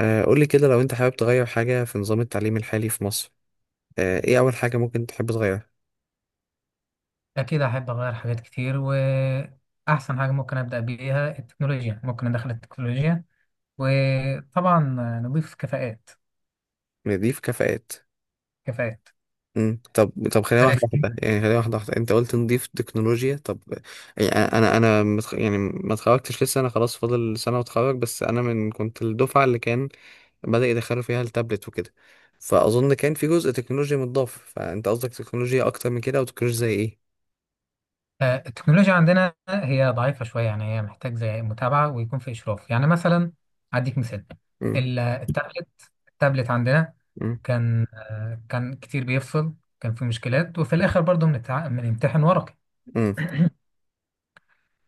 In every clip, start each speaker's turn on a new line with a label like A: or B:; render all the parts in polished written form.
A: قولي كده لو انت حابب تغير حاجة في نظام التعليم الحالي في مصر. ايه اول حاجة ممكن تحب تغيرها؟
B: أكيد أحب أغير حاجات كتير، وأحسن حاجة ممكن أبدأ بيها التكنولوجيا. ممكن أدخل التكنولوجيا وطبعا نضيف كفاءات.
A: نضيف كفاءات.
B: كفاءات.
A: مم. طب خلينا واحدة
B: عرفتي؟
A: واحدة، يعني خلينا واحدة واحدة انت قلت نضيف تكنولوجيا. طب، يعني انا متخ... يعني ما اتخرجتش لسه، انا خلاص فاضل سنة واتخرج، بس انا من كنت الدفعة اللي كان بدأ يدخلوا فيها التابلت وكده. فأظن كان في جزء تكنولوجيا متضاف، فانت قصدك تكنولوجيا اكتر من كده او تكنولوجيا زي ايه؟
B: التكنولوجيا عندنا هي ضعيفة شوية، يعني هي محتاج زي متابعة ويكون في إشراف. يعني مثلا أديك مثال:
A: مم.
B: ال- التابلت التابلت عندنا
A: مم.
B: كان كتير بيفصل، كان في مشكلات، وفي الآخر برضه بنمتحن ورقي.
A: مم.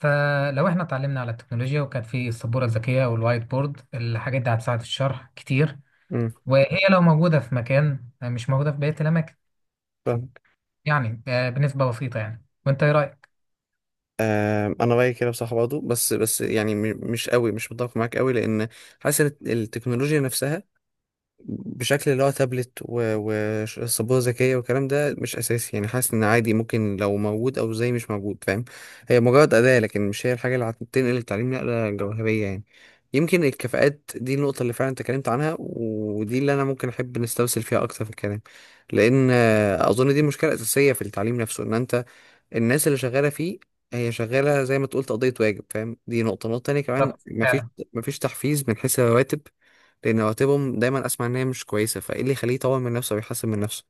B: فلو احنا اتعلمنا على التكنولوجيا وكان في السبوره الذكيه والوايت بورد، الحاجات دي هتساعد في الشرح كتير.
A: مم.
B: وهي لو موجوده في مكان، مش موجوده في بقيه الاماكن.
A: فاهم.
B: يعني بنسبه بسيطه يعني. وانت ايه رايك؟
A: انا رايي كده بصراحه برضه، بس يعني مش قوي، مش متفق معاك قوي، لان حاسس التكنولوجيا نفسها بشكل اللي هو تابلت وسبوره ذكيه والكلام ده مش اساسي. يعني حاسس ان عادي، ممكن لو موجود او زي مش موجود، فاهم. هي مجرد اداه، لكن مش هي الحاجه اللي هتنقل التعليم نقله جوهريه يعني. يمكن الكفاءات دي النقطه اللي فعلا انت اتكلمت عنها، ودي اللي انا ممكن احب نستوصل فيها اكتر في الكلام. لان اظن دي مشكله اساسيه في التعليم نفسه، ان انت الناس اللي شغالة فيه هي شغالة زي ما تقول تقضية واجب، فاهم. دي نقطة تانية كمان،
B: بالظبط.
A: مفيش تحفيز من حيث الرواتب، لأن رواتبهم دايما أسمع إن هي مش كويسة، فإيه اللي يخليه يطور من نفسه ويحسن من نفسه؟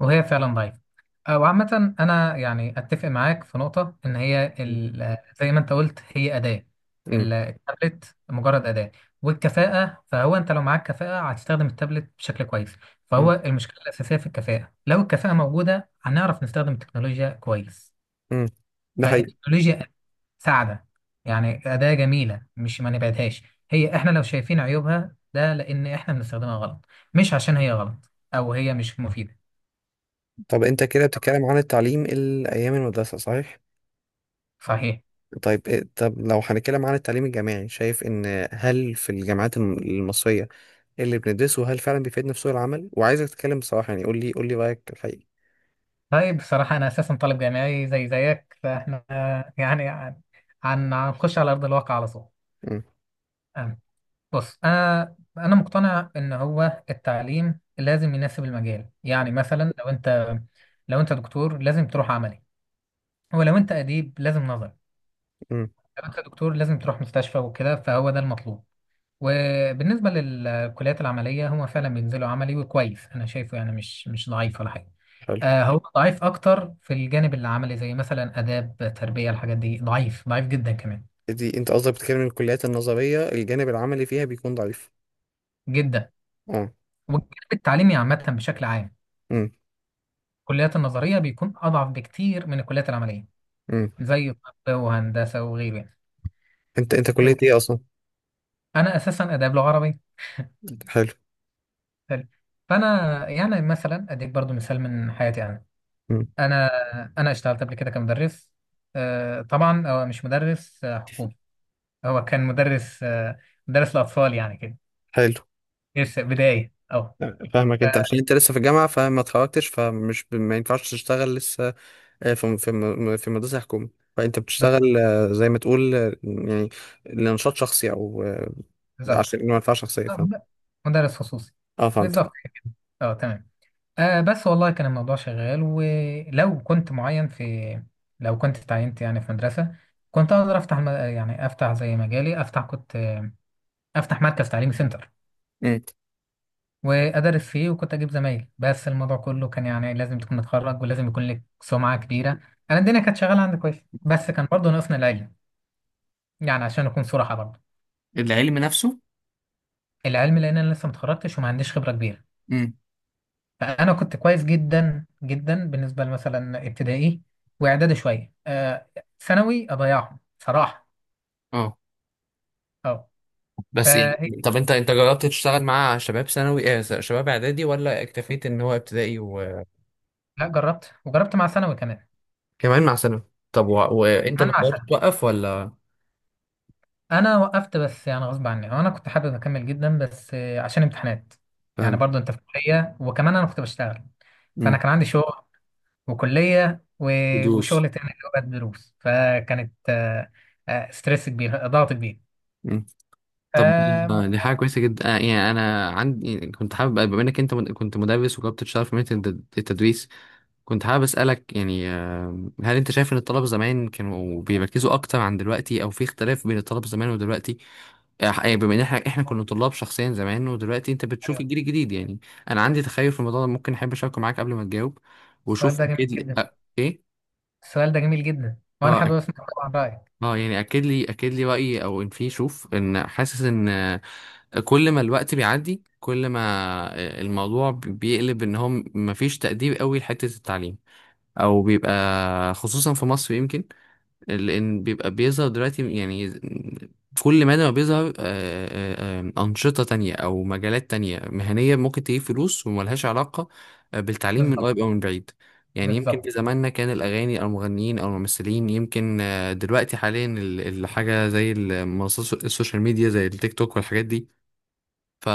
B: وهي فعلا ضعيفة. وعامة أنا يعني أتفق معاك في نقطة إن هي، زي ما أنت قلت، هي أداة.
A: امم،
B: التابلت مجرد أداة. والكفاءة، فهو أنت لو معاك كفاءة هتستخدم التابلت بشكل كويس. فهو
A: امم،
B: المشكلة الأساسية في الكفاءة. لو الكفاءة موجودة هنعرف نستخدم التكنولوجيا كويس.
A: امم. ده حقيقي.
B: فالتكنولوجيا ساعدة، يعني أداة جميلة مش ما نبعدهاش. هي إحنا لو شايفين عيوبها ده لأن إحنا بنستخدمها غلط، مش عشان هي غلط أو هي مش مفيدة.
A: طب أنت كده بتتكلم عن التعليم الأيام المدرسة، صحيح؟
B: صحيح.
A: طيب طب لو هنتكلم عن التعليم الجامعي، شايف إن هل في الجامعات المصرية اللي بندرسه هل فعلا بيفيدنا في سوق العمل؟ وعايزك تتكلم بصراحة يعني، قول لي رأيك الحقيقي.
B: طيب، بصراحة أنا أساسا طالب جامعي زي زيك، فإحنا يعني هنخش على أرض الواقع على طول.
A: امم،
B: أم، بص، أنا مقتنع إن هو التعليم لازم يناسب المجال. يعني مثلا لو أنت، لو أنت دكتور لازم تروح عملي. ولو أنت أديب لازم نظري.
A: امم.
B: لو أنت دكتور لازم تروح مستشفى وكده، فهو ده المطلوب. وبالنسبة للكليات العملية، هما فعلا بينزلوا عملي، وكويس أنا شايفه. يعني مش ضعيف ولا حاجة.
A: حلو.
B: هو ضعيف أكتر في الجانب العملي، زي مثلا آداب، تربية، الحاجات دي ضعيف ضعيف جدا كمان.
A: دي انت قصدك بتتكلم من الكليات النظرية الجانب العملي فيها بيكون ضعيف؟
B: جدا.
A: اه.
B: والجانب التعليمي عامة، بشكل عام
A: امم،
B: الكليات النظرية بيكون أضعف بكتير من الكليات العملية.
A: امم.
B: زي طب وهندسة وغيره.
A: انت كلية
B: يعني
A: ايه اصلا؟
B: أنا أساسا آداب لغة عربية.
A: حلو.
B: حلو. فأنا يعني مثلا أديك برضو مثال من حياتي أنا.
A: امم.
B: انا انا اشتغلت قبل كده كمدرس. طبعا هو مش مدرس حكومي. هو كان مدرس، مدرس لاطفال يعني كده.
A: حلو.
B: لسه بدايه. اه.
A: فاهمك، انت
B: آه،
A: عشان انت لسه في الجامعة فما اتخرجتش، ما ينفعش تشتغل لسه في في مدرسة حكومة، فانت بتشتغل زي ما تقول يعني لنشاط شخصي او
B: بالظبط.
A: عشان منفعة شخصية،
B: آه،
A: فاهم.
B: ب- مدرس خصوصي.
A: اه، فهمتك.
B: بالظبط كده. اه تمام. بس والله كان الموضوع شغال. ولو كنت معين في، لو كنت اتعينت يعني في مدرسه، كنت اقدر افتح يعني افتح زي مجالي. افتح، كنت افتح مركز تعليمي، سنتر،
A: امم.
B: وأدرس فيه وكنت أجيب زمايل. بس الموضوع كله كان يعني لازم تكون متخرج ولازم يكون لك سمعة كبيرة. أنا الدنيا كانت شغالة عندي كويس، بس كان برضه ناقصنا العلم. يعني عشان أكون صراحة برضه.
A: العلم نفسه.
B: العلم، لأن أنا لسه متخرجتش وما عنديش خبرة كبيرة.
A: امم.
B: فأنا كنت كويس جدا جدا بالنسبة مثلا ابتدائي وإعدادي، شوية. ثانوي أضيعهم صراحة.
A: اه،
B: أه.
A: بس يعني
B: فهي
A: طب انت جربت تشتغل مع شباب ثانوي، اه شباب اعدادي، ولا اكتفيت ان هو ابتدائي وكمان؟
B: لا، جربت، وجربت مع ثانوي كمان.
A: مع ثانوي. طب وانت
B: كمان
A: اللي
B: مع
A: قررت توقف ولا؟
B: انا وقفت. بس يعني غصب عني. انا كنت حابب اكمل جدا، بس عشان امتحانات. يعني
A: فاهم.
B: برضو انت في كليه، وكمان انا كنت بشتغل. فانا
A: مم.
B: كان عندي شغل وكليه
A: ودروس.
B: وشغل تاني اللي هو الدروس. فكانت ستريس كبير، ضغط كبير.
A: مم. طب دي
B: ف
A: دي حاجة كويسة جدا. يعني أنا عندي كنت حابب، بما إنك أنت كنت مدرس وجربت تشتغل في مهنة التدريس، كنت حابب أسألك يعني، هل أنت شايف إن الطلبة زمان كانوا بيركزوا أكتر عن دلوقتي، أو في اختلاف بين الطلبة زمان ودلوقتي؟ يعني بما إن إحنا كنا طلاب شخصيا زمان، ودلوقتي أنت بتشوف
B: ايوه.
A: الجيل الجديد يعني. أنا عندي تخيل في الموضوع ده، ممكن أحب أشاركه معاك قبل ما تجاوب
B: السؤال
A: وشوف
B: ده جميل
A: أكيد لي
B: جدا.
A: إيه؟
B: السؤال ده جميل جدا، وانا
A: أه،
B: حابب اسمع طبعا رايك.
A: يعني أكيد لي رأيي، أو إن في شوف، إن حاسس إن كل ما الوقت بيعدي كل ما الموضوع بيقلب، إن هم مفيش تقدير قوي لحتة التعليم، او بيبقى خصوصا في مصر يمكن، لان بيبقى بيظهر دلوقتي يعني. كل ما ده بيظهر أنشطة تانية أو مجالات تانية مهنية ممكن تجيب فلوس وملهاش علاقة بالتعليم من
B: بالظبط.
A: قريب أو من بعيد. يعني يمكن
B: بالظبط.
A: في زماننا كان الأغاني أو المغنيين أو الممثلين، يمكن دنوقتي حاليا الحاجة زي المنصات السوشيال ميديا، زي التيك توك والحاجات دي. ف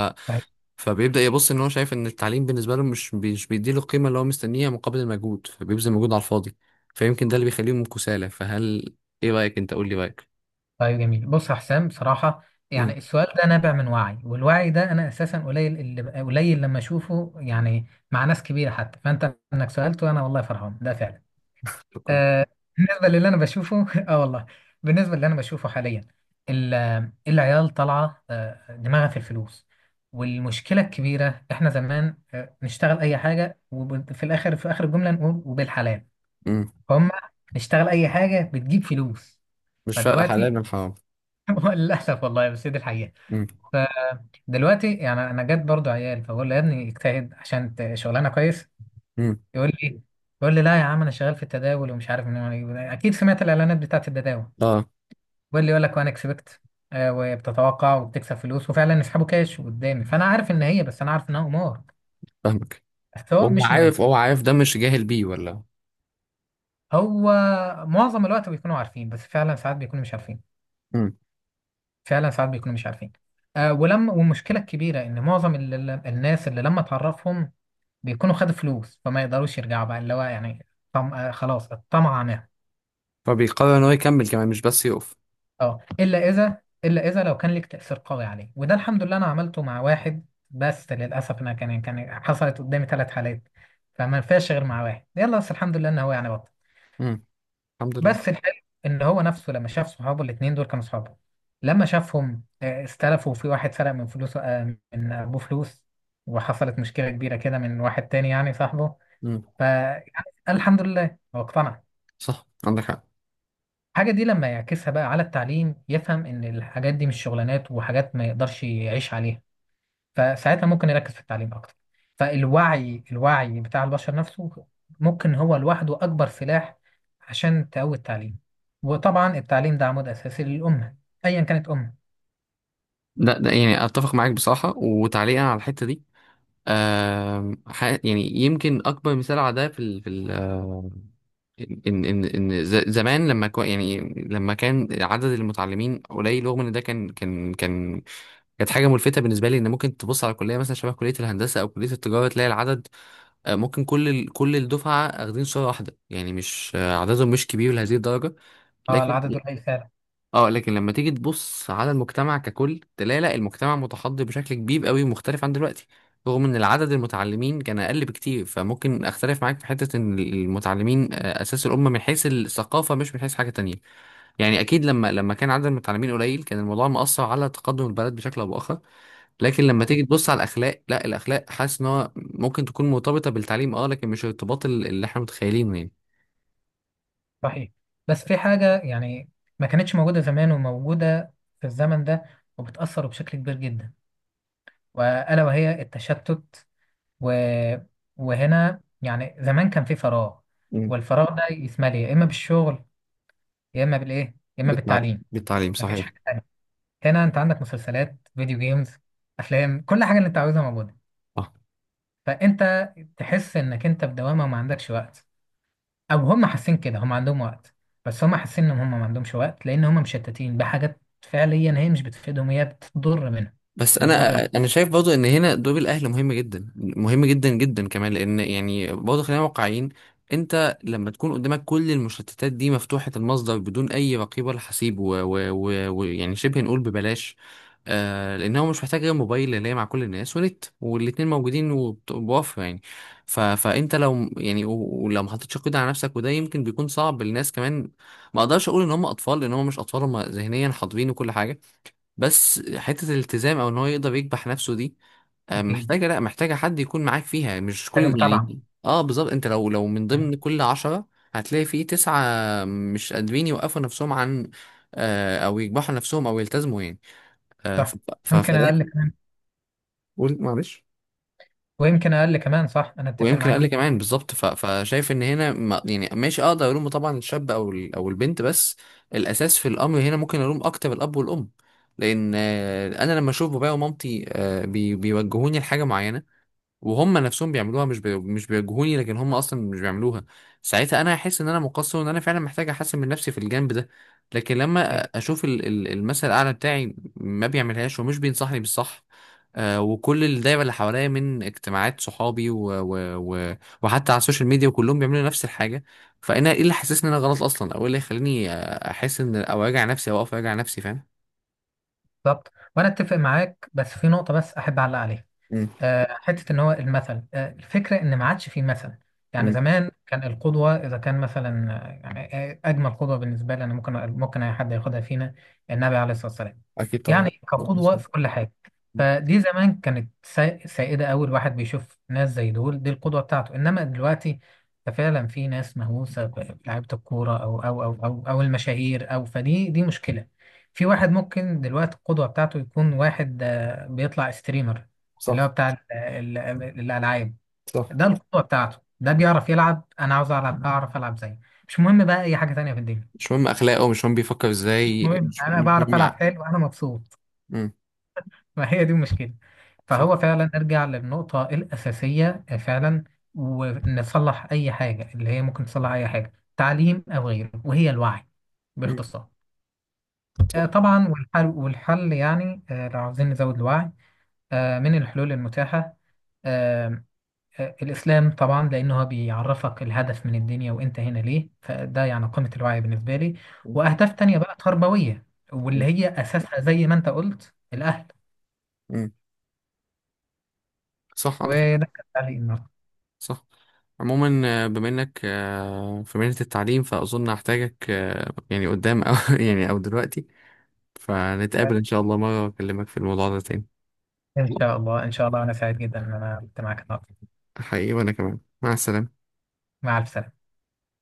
A: فبيبدأ يبص ان هو شايف ان التعليم بالنسبة له مش بي- مش بيديله القيمة اللي هو مستنيها مقابل المجهود، فبيبذل مجهود على الفاضي. فيمكن ده اللي بيخليهم كسالى. فهل، ايه رأيك؟ انت قول لي رأيك.
B: طيب جميل. بص يا حسام، بصراحة يعني
A: امم.
B: السؤال ده نابع من وعي، والوعي ده أنا أساسا قليل اللي قليل لما أشوفه، يعني مع ناس كبيرة حتى. فأنت إنك سألته، أنا والله فرحان، ده فعلا.
A: شكرا.
B: آه. بالنسبة للي أنا بشوفه آه والله. بالنسبة للي أنا بشوفه حاليا، ال- العيال طالعة دماغها في الفلوس. والمشكلة الكبيرة، إحنا زمان نشتغل أي حاجة، وفي الآخر في آخر الجملة نقول وبالحلال.
A: امم.
B: هم نشتغل أي حاجة بتجيب فلوس.
A: مش فارقة
B: فدلوقتي
A: حلال من حرام.
B: هو للأسف والله، بس هي دي الحقيقة.
A: امم،
B: فدلوقتي يعني أنا جت برضو عيال، فبقول له يا ابني اجتهد عشان شغلانة كويس.
A: امم.
B: يقول لي يقول لي لا يا عم، أنا شغال في التداول ومش عارف من. أكيد سمعت الإعلانات بتاعت التداول.
A: اه،
B: بيقول لي، يقول لك وأنا اكسبكت، وبتتوقع وبتكسب فلوس، وفعلا يسحبوا كاش قدامي. فأنا عارف إن هي، بس أنا عارف إنها قمار.
A: فاهمك.
B: بس هو
A: وهو
B: مش مهم.
A: عارف، هو عارف ده، مش جاهل بيه ولا؟
B: هو معظم الوقت بيكونوا عارفين، بس فعلا ساعات بيكونوا مش عارفين.
A: امم.
B: فعلا ساعات بيكونوا مش عارفين. ولما، والمشكله الكبيره ان معظم الناس اللي لما تعرفهم بيكونوا خدوا فلوس، فما يقدروش يرجعوا بقى، اللي هو يعني طم... آه خلاص، الطمع نام.
A: فبيقرر ان هو يكمل كمان، مش بس يقف.
B: اه، الا اذا لو كان ليك تاثير قوي عليه. وده الحمد لله، انا عملته مع واحد بس. للاسف انا كان حصلت قدامي 3 حالات، فما ينفعش غير مع واحد، يلا. بس الحمد لله ان هو يعني بطل.
A: امم. الحمد لله.
B: بس الحلو ان هو نفسه لما شاف صحابه الاثنين دول كانوا صحابه، لما شافهم استلفوا في واحد، سرق من فلوسه، من ابوه فلوس، وحصلت مشكله كبيره كده من واحد تاني يعني صاحبه.
A: امم.
B: فالحمد لله هو اقتنع.
A: صح عندك حق.
B: الحاجة دي لما يعكسها بقى على التعليم، يفهم إن الحاجات دي مش شغلانات وحاجات ما يقدرش يعيش عليها. فساعتها ممكن يركز في التعليم أكتر. فالوعي، الوعي بتاع البشر نفسه ممكن هو لوحده أكبر سلاح عشان تقوي التعليم. وطبعا التعليم ده عمود أساسي للأمة، أيا كانت أمة.
A: لا، ده يعني اتفق معاك بصراحة، وتعليقا على الحتة دي، يعني يمكن اكبر مثال على ده في ال في ال آه، زمان لما كو يعني لما كان عدد المتعلمين قليل، رغم ان ده كان، كانت حاجه ملفته بالنسبه لي، ان ممكن تبص على كليه، مثلا شبه كليه الهندسه او كليه التجاره، تلاقي العدد ممكن كل كل الدفعه اخدين صوره واحده، يعني مش آه، عددهم مش كبير لهذه الدرجه.
B: اه،
A: لكن،
B: العدد قليل فعلا.
A: اه، لكن لما تيجي تبص على المجتمع ككل تلاقي لا، المجتمع متحضر بشكل كبير قوي ومختلف عن دلوقتي، رغم ان العدد المتعلمين كان اقل بكتير. فممكن اختلف معاك في حتة ان المتعلمين اساس الامة من حيث الثقافة، مش من حيث حاجة تانية. يعني اكيد لما كان عدد المتعلمين قليل كان الموضوع مؤثر على تقدم البلد بشكل او باخر. لكن لما
B: صحيح.
A: تيجي تبص على الاخلاق، لا، الاخلاق حاسس ان هو ممكن تكون مرتبطة بالتعليم اه، لكن مش الارتباط اللي احنا متخيلينه يعني.
B: صحيح. بس في حاجة يعني ما كانتش موجودة زمان وموجودة في الزمن ده، وبتأثر بشكل كبير جدا، وألا وهي التشتت. و... وهنا يعني زمان كان في فراغ،
A: مم.
B: والفراغ ده يتملي يا اما بالشغل، يا اما بالايه، يا اما
A: بالتع-
B: بالتعليم.
A: بالتعليم
B: مفيش
A: صحيح.
B: حاجه تانية. هنا انت عندك مسلسلات، فيديو جيمز، افلام، كل حاجه اللي انت عاوزها موجوده. فانت تحس انك انت في دوامه وما عندكش وقت. او هم حاسين كده، هم عندهم وقت، بس هم حاسين ان هم ما عندهمش وقت لان هم مشتتين بحاجات فعليا هي مش بتفيدهم، هي بتضر منهم.
A: بس
B: بتضر ال-
A: انا شايف برضه ان هنا دور الاهل مهم جدا، مهم جدا جدا كمان، لان يعني برضه خلينا واقعيين. انت لما تكون قدامك كل المشتتات دي مفتوحة المصدر، بدون اي رقيب ولا حسيب، ويعني و... و... و- ويعني شبه نقول ببلاش، لان هو مش محتاج غير موبايل اللي هي مع كل الناس، ونت والاتنين موجودين بوفر يعني. فانت لو يعني ولو ما حطيتش قيد على نفسك، وده يمكن بيكون صعب للناس كمان. ما اقدرش اقول ان هم اطفال، لان هم مش اطفال، هم ذهنيا حاضرين وكل حاجة. بس حتة الالتزام او ان هو يقدر يكبح نفسه دي،
B: اكيد.
A: محتاجة، لا، محتاجة حد يكون معاك فيها، مش كل
B: حاجه متابعه.
A: يعني، اه بالظبط. انت لو من ضمن كل عشرة هتلاقي في تسعة مش قادرين يوقفوا نفسهم عن او يكبحوا نفسهم او يلتزموا يعني. آه ف-
B: صح. يمكن اقل
A: فدايما.
B: كمان.
A: قول، معلش.
B: ويمكن اقل كمان، صح، انا اتفق
A: ويمكن
B: معاك
A: اقل
B: جدا.
A: كمان، بالظبط. فشايف ان هنا ماشي، اقدر الوم طبعا الشاب او او البنت، بس الاساس في الامر هنا ممكن الوم اكتر الاب والام. لان انا لما اشوف بابايا ومامتي بيوجهوني لحاجه معينه وهم نفسهم بيعملوها، مش بي... مش بيواجهوني لكن هم اصلا مش بيعملوها، ساعتها انا هحس ان انا مقصر، وان انا فعلا محتاج احسن من نفسي في الجانب ده. لكن لما
B: إيه،
A: اشوف المثل الاعلى بتاعي ما بيعملهاش ومش بينصحني بالصح، وكل الدايره اللي حواليا من اجتماعات صحابي و... وحتى على السوشيال ميديا وكلهم بيعملوا نفس الحاجه، فانا ايه اللي حسسني ان انا غلط اصلا، او ايه اللي يخليني احس ان، او اوجع نفسي، او اقف اوجع نفسي، فاهم.
B: بالظبط. وانا اتفق معاك، بس في نقطه بس احب اعلق عليها.
A: امم،
B: حتة إن هو المثل. الفكرة إن ما عادش فيه مثل. يعني
A: امم.
B: زمان كان القدوة، إذا كان مثلا أجمل قدوة بالنسبة لي أنا، ممكن أي حد ياخدها فينا: النبي عليه الصلاة والسلام.
A: اكيد طبعا.
B: يعني كقدوة
A: مظبوط.
B: في كل حاجة. فدي زمان كانت سائدة أوي. الواحد بيشوف ناس زي دول، دي القدوة بتاعته. إنما دلوقتي فعلا في ناس مهووسة بلعيبة الكورة أو المشاهير، أو، فدي دي مشكلة. في واحد ممكن دلوقتي القدوة بتاعته يكون واحد بيطلع ستريمر، اللي هو
A: صح،
B: بتاع الالعاب.
A: صح.
B: ده القوه بتاعته، ده بيعرف يلعب. انا عاوز العب، اعرف العب زيه. مش مهم بقى اي حاجه تانية في الدنيا.
A: مش مهم اخلاقه، مش مهم بيفكر
B: مش
A: ازاي،
B: مهم،
A: مش
B: انا
A: مش
B: بعرف
A: مهم
B: العب حلو وانا مبسوط.
A: مم.
B: ما هي دي المشكله.
A: صح.
B: فهو فعلا نرجع للنقطه الاساسيه فعلا، ونصلح اي حاجه، اللي هي ممكن تصلح اي حاجه، تعليم او غيره، وهي الوعي
A: مم.
B: باختصار.
A: صح.
B: طبعا. والحل يعني لو عاوزين نزود الوعي، من الحلول المتاحه آه، الإسلام طبعا، لأنه هو بيعرفك الهدف من الدنيا وأنت هنا ليه. فده يعني قمة الوعي بالنسبة لي.
A: مم.
B: وأهداف تانية بقى تربوية، واللي هي أساسها زي ما أنت قلت: الأهل.
A: مم. صح عندك حق.
B: وده كان تعليقي النهاردة.
A: صح. عموما بما انك في مهنة التعليم، فاظن هحتاجك يعني قدام او يعني او دلوقتي، فنتقابل ان شاء الله مرة واكلمك في الموضوع ده تاني.
B: إن شاء الله، إن شاء الله. أنا سعيد جدا إن أنا كنت معاك النهاردة.
A: حقيقي، وانا كمان. مع السلامة.
B: مع ألف سلامة.